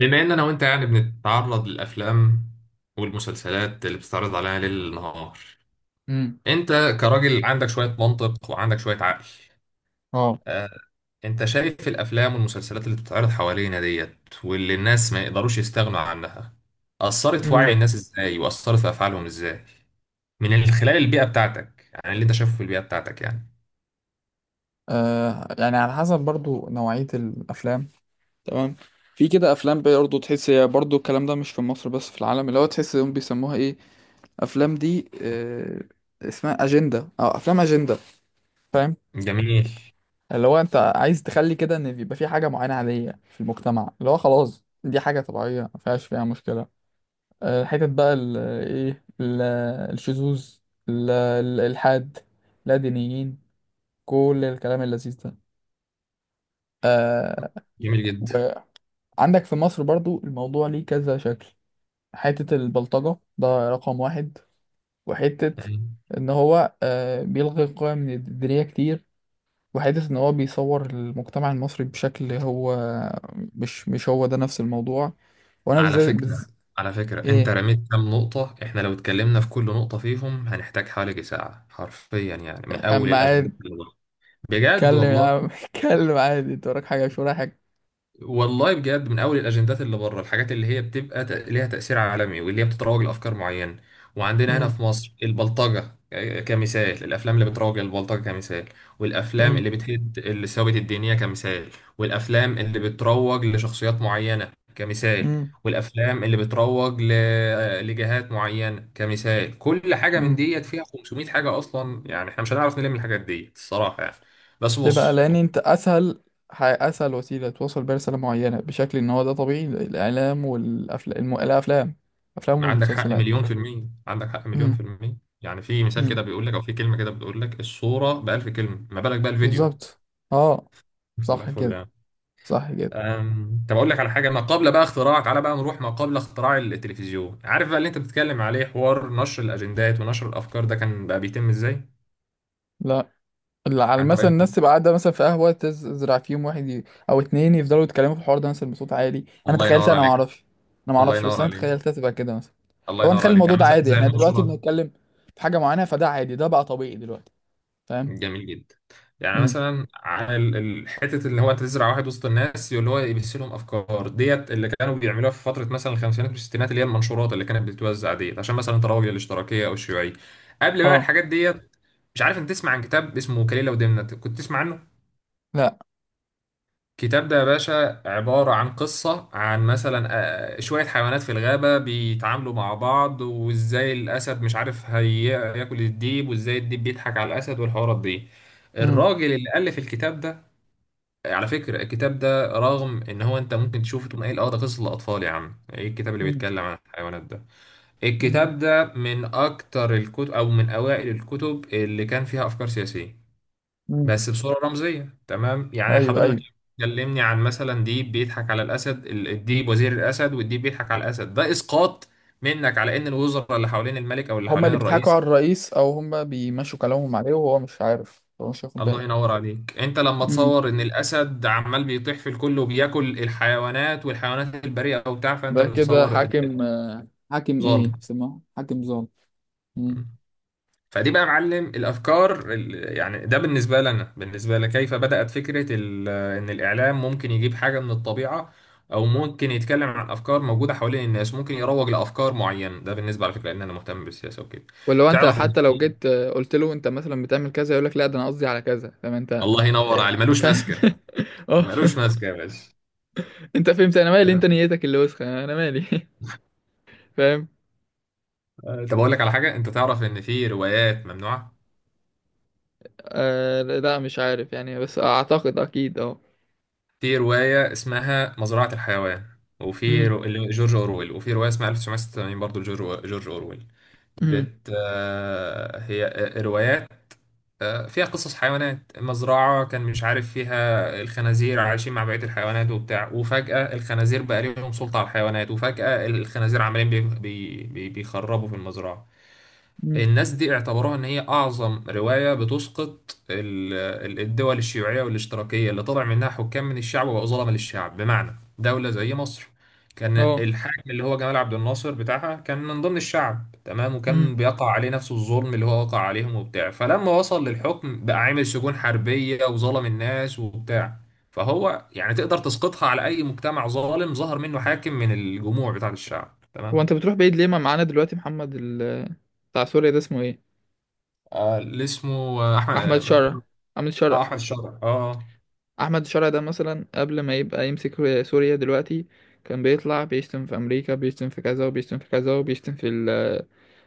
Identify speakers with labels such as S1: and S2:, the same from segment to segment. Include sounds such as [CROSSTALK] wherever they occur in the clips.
S1: بما ان انا وانت يعني بنتعرض للافلام والمسلسلات اللي بتستعرض علينا ليل نهار.
S2: امم.
S1: انت كراجل عندك شوية منطق وعندك شوية عقل.
S2: اه.
S1: آه، انت شايف الافلام والمسلسلات اللي بتتعرض حوالينا ديت واللي الناس ما يقدروش يستغنوا عنها اثرت في وعي
S2: امم.
S1: الناس ازاي واثرت في افعالهم ازاي، من خلال البيئة بتاعتك يعني اللي انت شايفه في البيئة بتاعتك يعني.
S2: يعني على حسب برضو نوعية الأفلام. تمام. في كده أفلام برضو تحس هي برضو الكلام ده مش في مصر بس في العالم، اللي هو تحس هم بيسموها إيه؟ أفلام دي، اسمها أجندة أو أفلام أجندة. فاهم؟
S1: جميل
S2: اللي هو أنت عايز تخلي كده إن بيبقى في حاجة معينة عادية في المجتمع، اللي هو خلاص دي حاجة طبيعية ما فيهاش فيها مشكلة. حتت بقى إيه ال- الشذوذ، الإلحاد، لا دينيين، كل الكلام اللذيذ ده. آه،
S1: جميل
S2: وعندك في مصر برضو الموضوع ليه كذا شكل. حتة البلطجة ده رقم واحد، وحتة
S1: جدا.
S2: إن هو بيلغي قيم دينية كتير، وحتة إن هو بيصور المجتمع المصري بشكل هو مش هو ده نفس الموضوع. وأنا
S1: على
S2: بالذات
S1: فكرة على فكرة انت
S2: إيه؟
S1: رميت كام نقطة، احنا لو اتكلمنا في كل نقطة فيهم هنحتاج حوالي ساعة حرفيا يعني، من اول
S2: أما
S1: الاجندات
S2: قاعد
S1: اللي ورا. بجد
S2: اتكلم يا
S1: والله.
S2: عم [LAUGHS] اتكلم عادي، أنت وراك حاجة مش ورايا حاجة.
S1: والله بجد، من اول الاجندات اللي بره الحاجات اللي هي بتبقى ليها تاثير عالمي واللي هي بتتروج لافكار معينه، وعندنا هنا
S2: أمم.
S1: في مصر البلطجه كمثال، الافلام اللي بتروج للبلطجه كمثال، والافلام
S2: أمم.
S1: اللي بتهد الثوابت الدينيه كمثال، والافلام اللي بتروج لشخصيات معينه كمثال،
S2: أمم.
S1: والافلام اللي بتروج ل... آه، لجهات معينه كمثال. كل حاجه من
S2: امم.
S1: ديت فيها 500 حاجه اصلا يعني، احنا مش هنعرف نلم الحاجات ديت الصراحه يعني. بس
S2: ليه بقى؟
S1: بص،
S2: لان انت اسهل وسيله توصل بيها رساله معينه بشكل ان هو ده طبيعي، الاعلام والافلام، افلام
S1: عندك حق
S2: والمسلسلات.
S1: مليون في المية، عندك حق مليون
S2: امم.
S1: في المية، يعني في مثال كده
S2: امم.
S1: بيقول لك أو في كلمة كده بتقول لك الصورة بألف كلمة، ما بالك بقى الفيديو.
S2: بالظبط. اه.
S1: صباح
S2: صح
S1: الفل
S2: كده.
S1: يعني.
S2: صح كده.
S1: طب أقول لك على حاجة، ما قبل بقى اختراع، تعالى بقى نروح ما قبل اختراع التلفزيون، عارف بقى اللي أنت بتتكلم عليه حوار نشر الأجندات ونشر الأفكار ده كان بقى بيتم إزاي؟
S2: لا، اللي على
S1: عن طريق
S2: مثلا الناس
S1: الفيديو.
S2: تبقى قاعده مثلا في قهوه، تزرع فيهم واحد او اتنين يفضلوا يتكلموا في الحوار ده مثلا بصوت عالي، انا
S1: الله
S2: تخيلتها،
S1: ينور
S2: انا ما
S1: عليك.
S2: اعرفش،
S1: الله
S2: بس
S1: ينور
S2: انا
S1: عليك.
S2: تخيلتها تبقى كده مثلا.
S1: الله
S2: لو
S1: ينور
S2: نخلي
S1: عليك،
S2: الموضوع
S1: يعني
S2: ده
S1: مثلا
S2: عادي
S1: زي
S2: احنا دلوقتي
S1: المنشورات.
S2: بنتكلم في حاجه معينه، فده عادي، ده بقى طبيعي دلوقتي، فاهم؟
S1: جميل جدا. يعني
S2: امم.
S1: مثلا على حته اللي هو انت تزرع واحد وسط الناس اللي هو يبث لهم افكار ديت، اللي كانوا بيعملوها في فتره مثلا الخمسينات والستينات، اللي هي المنشورات اللي كانت بتتوزع ديت عشان مثلا تراوي الاشتراكيه او الشيوعيه قبل بقى
S2: اه.
S1: الحاجات ديت. مش عارف انت تسمع عن كتاب اسمه كليله ودمنه، كنت تسمع عنه؟
S2: لا.
S1: الكتاب ده يا باشا عبارة عن قصة عن مثلا شوية حيوانات في الغابة بيتعاملوا مع بعض، وازاي الأسد مش عارف هياكل الديب، وازاي الديب بيضحك على الأسد، والحوارات دي.
S2: إمم.
S1: الراجل اللي ألف الكتاب ده، على فكرة الكتاب ده رغم إن هو أنت ممكن تشوفه تقول إيه، اه ده قصة لأطفال يا عم، إيه الكتاب اللي
S2: مم.
S1: بيتكلم عن الحيوانات ده.
S2: مم.
S1: الكتاب ده من أكتر الكتب أو من أوائل الكتب اللي كان فيها أفكار سياسية،
S2: مم.
S1: بس بصورة رمزية. تمام يعني
S2: ايوه،
S1: حضرتك
S2: ايوه،
S1: كلمني عن مثلا ديب بيضحك على الأسد، الديب وزير الأسد والديب بيضحك على الأسد، ده إسقاط منك على إن الوزراء اللي حوالين الملك أو اللي
S2: هما
S1: حوالين
S2: اللي بيضحكوا
S1: الرئيس.
S2: على الرئيس او هما بيمشوا كلامهم عليه وهو مش عارف، هو مش واخد
S1: الله
S2: باله.
S1: ينور عليك. أنت لما
S2: مم.
S1: تصور إن الأسد عمال بيطيح في الكل وبياكل الحيوانات والحيوانات البريئة وبتاع، فأنت
S2: ده كده
S1: بتصور
S2: حاكم، حاكم
S1: الظالم.
S2: ايه اسمه، حاكم ظالم. مم.
S1: فدي بقى يا معلم الافكار، يعني ده بالنسبه لنا بالنسبه لي كيف بدات فكره ان الاعلام ممكن يجيب حاجه من الطبيعه او ممكن يتكلم عن افكار موجوده حوالين الناس، ممكن يروج لافكار معينه. ده بالنسبه، على فكره ان انا مهتم بالسياسه وكده.
S2: ولو انت
S1: تعرف إن
S2: حتى لو
S1: في-
S2: جيت قلت له انت مثلا بتعمل كذا، يقول لك لا ده انا قصدي على كذا، فاهم
S1: [LAUGHS]
S2: انت؟
S1: الله ينور
S2: آه،
S1: عليه، ملوش
S2: فاهم.
S1: ماسكه.
S2: [LAUGHS] اه.
S1: ملوش ماسكه يا باشا.
S2: انت فهمت، انا مالي، انت نيتك اللي وسخه، انا مالي. [LAUGHS] فاهم.
S1: طب اقول لك على حاجه، انت تعرف ان في روايات ممنوعه؟
S2: آه، لا مش عارف يعني، بس اعتقد اكيد. اه.
S1: في روايه اسمها مزرعه الحيوان، وفي
S2: مم.
S1: رو... جورج اورويل، وفي روايه اسمها 1986 برضه جورج اورويل.
S2: مم.
S1: بت آه، هي آه، روايات، فيها قصص حيوانات، مزرعة كان مش عارف فيها الخنازير عايشين مع بقية الحيوانات وبتاع، وفجأة الخنازير بقى ليهم سلطة على الحيوانات، وفجأة الخنازير عمالين بيخربوا في المزرعة.
S2: مم.
S1: الناس دي اعتبروها ان هي اعظم رواية بتسقط الدول الشيوعية والاشتراكية اللي طلع منها حكام من الشعب وبقوا ظلمة للشعب، بمعنى دولة زي مصر. كان
S2: اه.
S1: الحاكم اللي هو جمال عبد الناصر بتاعها كان من ضمن الشعب، تمام، وكان بيقع عليه نفس الظلم اللي هو وقع عليهم وبتاع، فلما وصل للحكم بقى عامل سجون حربية وظلم الناس وبتاع. فهو يعني تقدر تسقطها على اي مجتمع ظالم ظهر منه حاكم من الجموع بتاع الشعب،
S2: هو
S1: تمام.
S2: انت بتروح بعيد ليه؟ ما معانا دلوقتي محمد بتاع سوريا، ده اسمه ايه؟
S1: آه، اللي اسمه آه، احمد.
S2: احمد شرع. احمد
S1: اه
S2: شرع
S1: احمد الشرع.
S2: احمد شرع ده مثلا قبل ما يبقى يمسك سوريا دلوقتي كان بيطلع بيشتم في امريكا، بيشتم في كذا، وبيشتم في كذا، وبيشتم في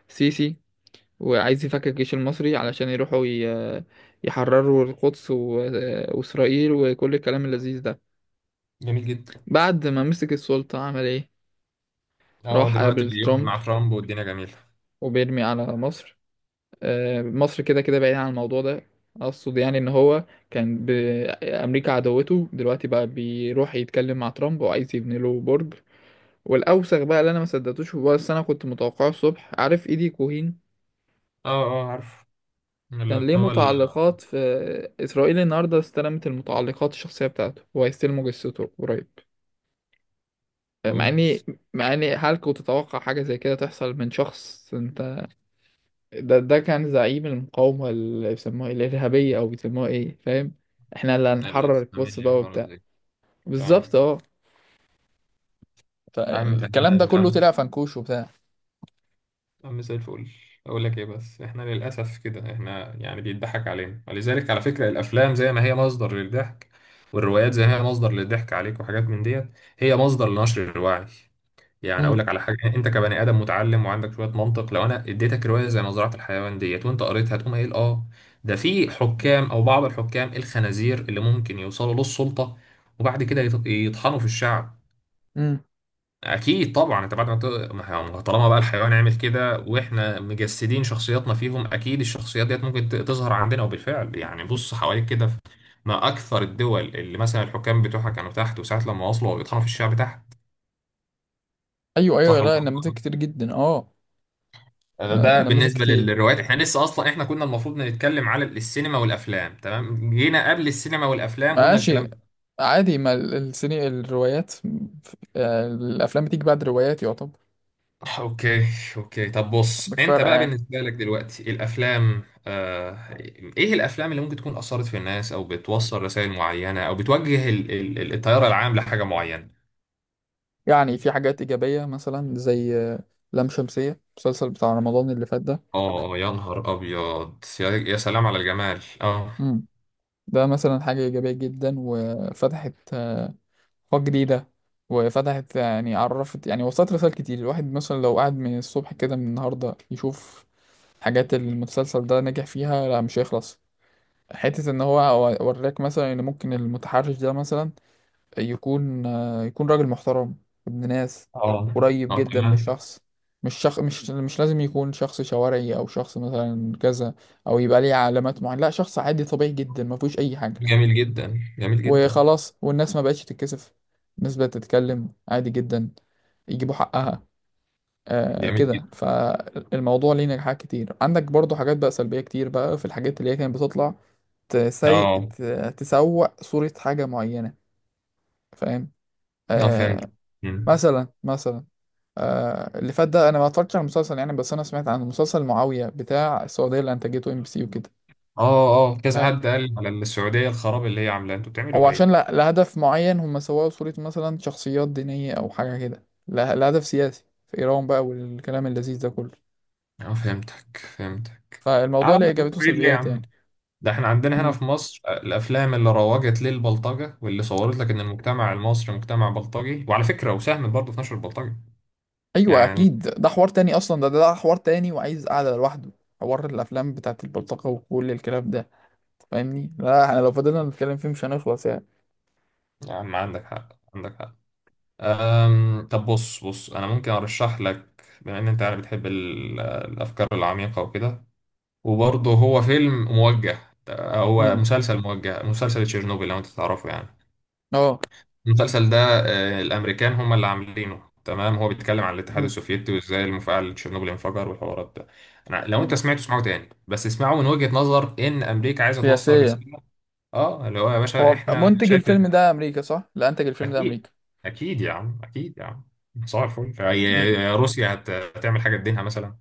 S2: السيسي، وعايز يفكك الجيش المصري علشان يروحوا يحرروا القدس واسرائيل وكل الكلام اللذيذ ده.
S1: جميل جدا.
S2: بعد ما مسك السلطة عمل ايه؟
S1: اه
S2: راح
S1: دلوقتي
S2: قابل
S1: بيقعد
S2: ترامب،
S1: مع ترامب والدنيا جميله.
S2: وبيرمي على مصر. مصر كده كده بعيدة عن الموضوع ده، اقصد يعني ان هو كان امريكا عدوته، دلوقتي بقى بيروح يتكلم مع ترامب وعايز يبني له برج. والاوسخ بقى اللي انا ما صدقتوش، هو بس انا كنت متوقعه الصبح، عارف ايدي كوهين؟
S1: اه اه عارف،
S2: كان
S1: اللي
S2: ليه
S1: هو
S2: متعلقات في اسرائيل، النهارده استلمت المتعلقات الشخصيه بتاعته، هو هيستلموا جثته قريب. مع اني
S1: اوبس.
S2: مع اني هل كنت تتوقع حاجه زي كده تحصل من شخص؟ انت، ده كان زعيم المقاومة، اللي بيسموها إيه؟ الإرهابية، أو بيسموها إيه، فاهم؟ إحنا اللي هنحرر القدس
S1: الاسلاميه
S2: بقى
S1: الحوارات
S2: وبتاع.
S1: دي. فاهم.
S2: بالظبط، أه.
S1: عم
S2: فالكلام ده
S1: تمام
S2: كله
S1: عم.
S2: طلع فنكوش وبتاع.
S1: عم زي الفل. اقول لك ايه، بس احنا للاسف كده احنا يعني بيضحك علينا، ولذلك على فكره الافلام زي ما هي مصدر للضحك والروايات زي ما هي مصدر للضحك عليك وحاجات من ديت، هي مصدر لنشر الوعي. يعني اقول
S2: امم.
S1: لك على حاجه، انت كبني ادم متعلم وعندك شويه منطق، لو انا اديتك روايه زي مزرعه الحيوان ديت وانت قريتها تقوم قايل اه، ده في حكام او بعض الحكام الخنازير اللي ممكن يوصلوا للسلطه وبعد كده يطحنوا في الشعب.
S2: امم.
S1: اكيد طبعا انت بعد ما ت... ما هو- ما طالما بقى الحيوان عمل كده واحنا مجسدين شخصياتنا فيهم، اكيد الشخصيات ديت ممكن تظهر عندنا. وبالفعل يعني بص حواليك كده ما اكثر الدول اللي مثلا الحكام بتوعها كانوا تحت وساعه لما وصلوا بيطحنوا في الشعب تحت.
S2: أيوه، أيوه،
S1: صح ولا
S2: لا، نماذج
S1: لا؟
S2: كتير جدا، أه،
S1: ده
S2: نماذج
S1: بالنسبة
S2: كتير.
S1: للروايات، احنا لسه اصلا احنا كنا المفروض نتكلم على السينما والافلام، تمام، جينا قبل السينما والافلام قلنا الكلام
S2: ماشي.
S1: ده.
S2: عادي، ما ال- السيني الروايات، الأفلام بتيجي بعد روايات يعتبر.
S1: اوكي. اوكي طب بص،
S2: مش
S1: انت
S2: فارقة
S1: بقى
S2: يعني.
S1: بالنسبة لك دلوقتي الافلام، ايه الافلام اللي ممكن تكون اثرت في الناس او بتوصل رسائل معينة او بتوجه التيار العام لحاجة معينة.
S2: يعني في حاجات إيجابية مثلا زي لام شمسية المسلسل بتاع رمضان اللي فات.
S1: اه. يا نهار ابيض، يا سلام على الجمال. اه
S2: ده ده مثلا حاجة إيجابية جدا، وفتحت آفاق جديدة، وفتحت يعني، عرفت، يعني وصلت رسائل كتير. الواحد مثلا لو قعد من الصبح كده من النهاردة يشوف حاجات المسلسل ده نجح فيها، لا مش هيخلص. حتة إن هو وراك مثلا، إن ممكن المتحرش ده مثلا يكون راجل محترم، ابن ناس،
S1: اه
S2: قريب
S1: اه
S2: جدا من
S1: تمام.
S2: الشخص، مش شخ... مش مش لازم يكون شخص شوارعي أو شخص مثلا كذا، أو يبقى ليه علامات معينة، لا شخص عادي طبيعي جدا ما فيهوش أي حاجة،
S1: جميل جدا. جميل جدا.
S2: وخلاص، والناس ما بقتش تتكسف، الناس بقت تتكلم عادي جدا، يجيبوا حقها. آه
S1: جميل
S2: كده،
S1: جدا.
S2: فالموضوع ليه نجاحات كتير. عندك برضو حاجات بقى سلبية كتير بقى في الحاجات اللي هي كانت بتطلع، تسي...
S1: اه
S2: ت- تسوق صورة حاجة معينة، فاهم؟
S1: اه فهمت.
S2: آه. مثلا، مثلا، اللي فات ده انا ما اتفرجتش على المسلسل يعني، بس انا سمعت عن مسلسل معاوية بتاع السعودية اللي انتجته MBC وكده،
S1: اه اه كذا حد قال على السعودية الخراب اللي هي عاملاه، انتوا بتعملوا
S2: او عشان
S1: ايه؟
S2: لا، لهدف معين هم سووا صورة مثلا شخصيات دينية او حاجة كده لهدف سياسي في ايران بقى والكلام اللذيذ ده كله.
S1: اه فهمتك فهمتك.
S2: فالموضوع
S1: على
S2: ليه ايجابيات
S1: بعيد ليه يا
S2: وسلبيات يعني.
S1: عم؟ ده احنا عندنا هنا
S2: امم.
S1: في مصر الافلام اللي روجت للبلطجة واللي صورت لك ان المجتمع المصري مجتمع بلطجي، وعلى فكرة وساهمت برضه في نشر البلطجة.
S2: ايوه
S1: يعني
S2: اكيد، ده حوار تاني اصلا، ده حوار تاني وعايز قعدة لوحده، حوار الافلام بتاعت البلطجة وكل الكلام ده، فاهمني؟ لا احنا لو فضلنا نتكلم فيه مش هنخلص يعني.
S1: يا عم عندك حق. عندك حق. أم طب بص بص، انا ممكن ارشح لك بما ان انت يعني بتحب الافكار العميقة وكده، وبرضه هو فيلم موجه، هو
S2: امم.
S1: مسلسل موجه، مسلسل تشيرنوبل لو انت تعرفه يعني.
S2: اه.
S1: المسلسل ده، الامريكان هم اللي عاملينه، تمام، هو بيتكلم عن الاتحاد
S2: مم.
S1: السوفيتي وازاي المفاعل تشيرنوبل انفجر والحوارات ده. انا لو انت
S2: مم.
S1: سمعته اسمعه تاني، بس اسمعه من وجهة نظر ان امريكا عايزه توصل
S2: سياسية.
S1: رساله. اه، اللي هو يا باشا
S2: هو
S1: احنا
S2: منتج
S1: شايف.
S2: الفيلم ده امريكا صح؟ اللي انتج الفيلم ده
S1: اكيد.
S2: امريكا.
S1: اكيد يا عم، اكيد يا عم. صباح الفل.
S2: مم.
S1: روسيا هتعمل حاجه تدينها مثلا؟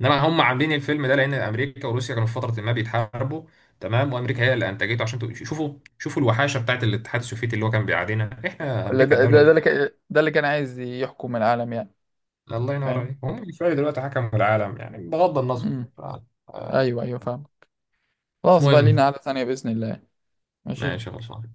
S1: انما هم عاملين الفيلم ده لان امريكا وروسيا كانوا في فتره ما بيتحاربوا، تمام، وامريكا هي اللي انتجته عشان شوفوا، شوفوا الوحاشه بتاعت الاتحاد السوفيتي اللي هو كان بيعادينا احنا
S2: ولا
S1: امريكا الدوله.
S2: ده اللي كان عايز يحكم العالم يعني،
S1: الله ينور
S2: فاهم؟
S1: عليك، هم شوية دلوقتي حكموا العالم يعني بغض النظر.
S2: امم.
S1: ف- آه،
S2: ايوه، ايوه، فاهم. خلاص بقى،
S1: مهم.
S2: لينا قعدة تانية بإذن الله. ماشي.
S1: ماشي خلصان.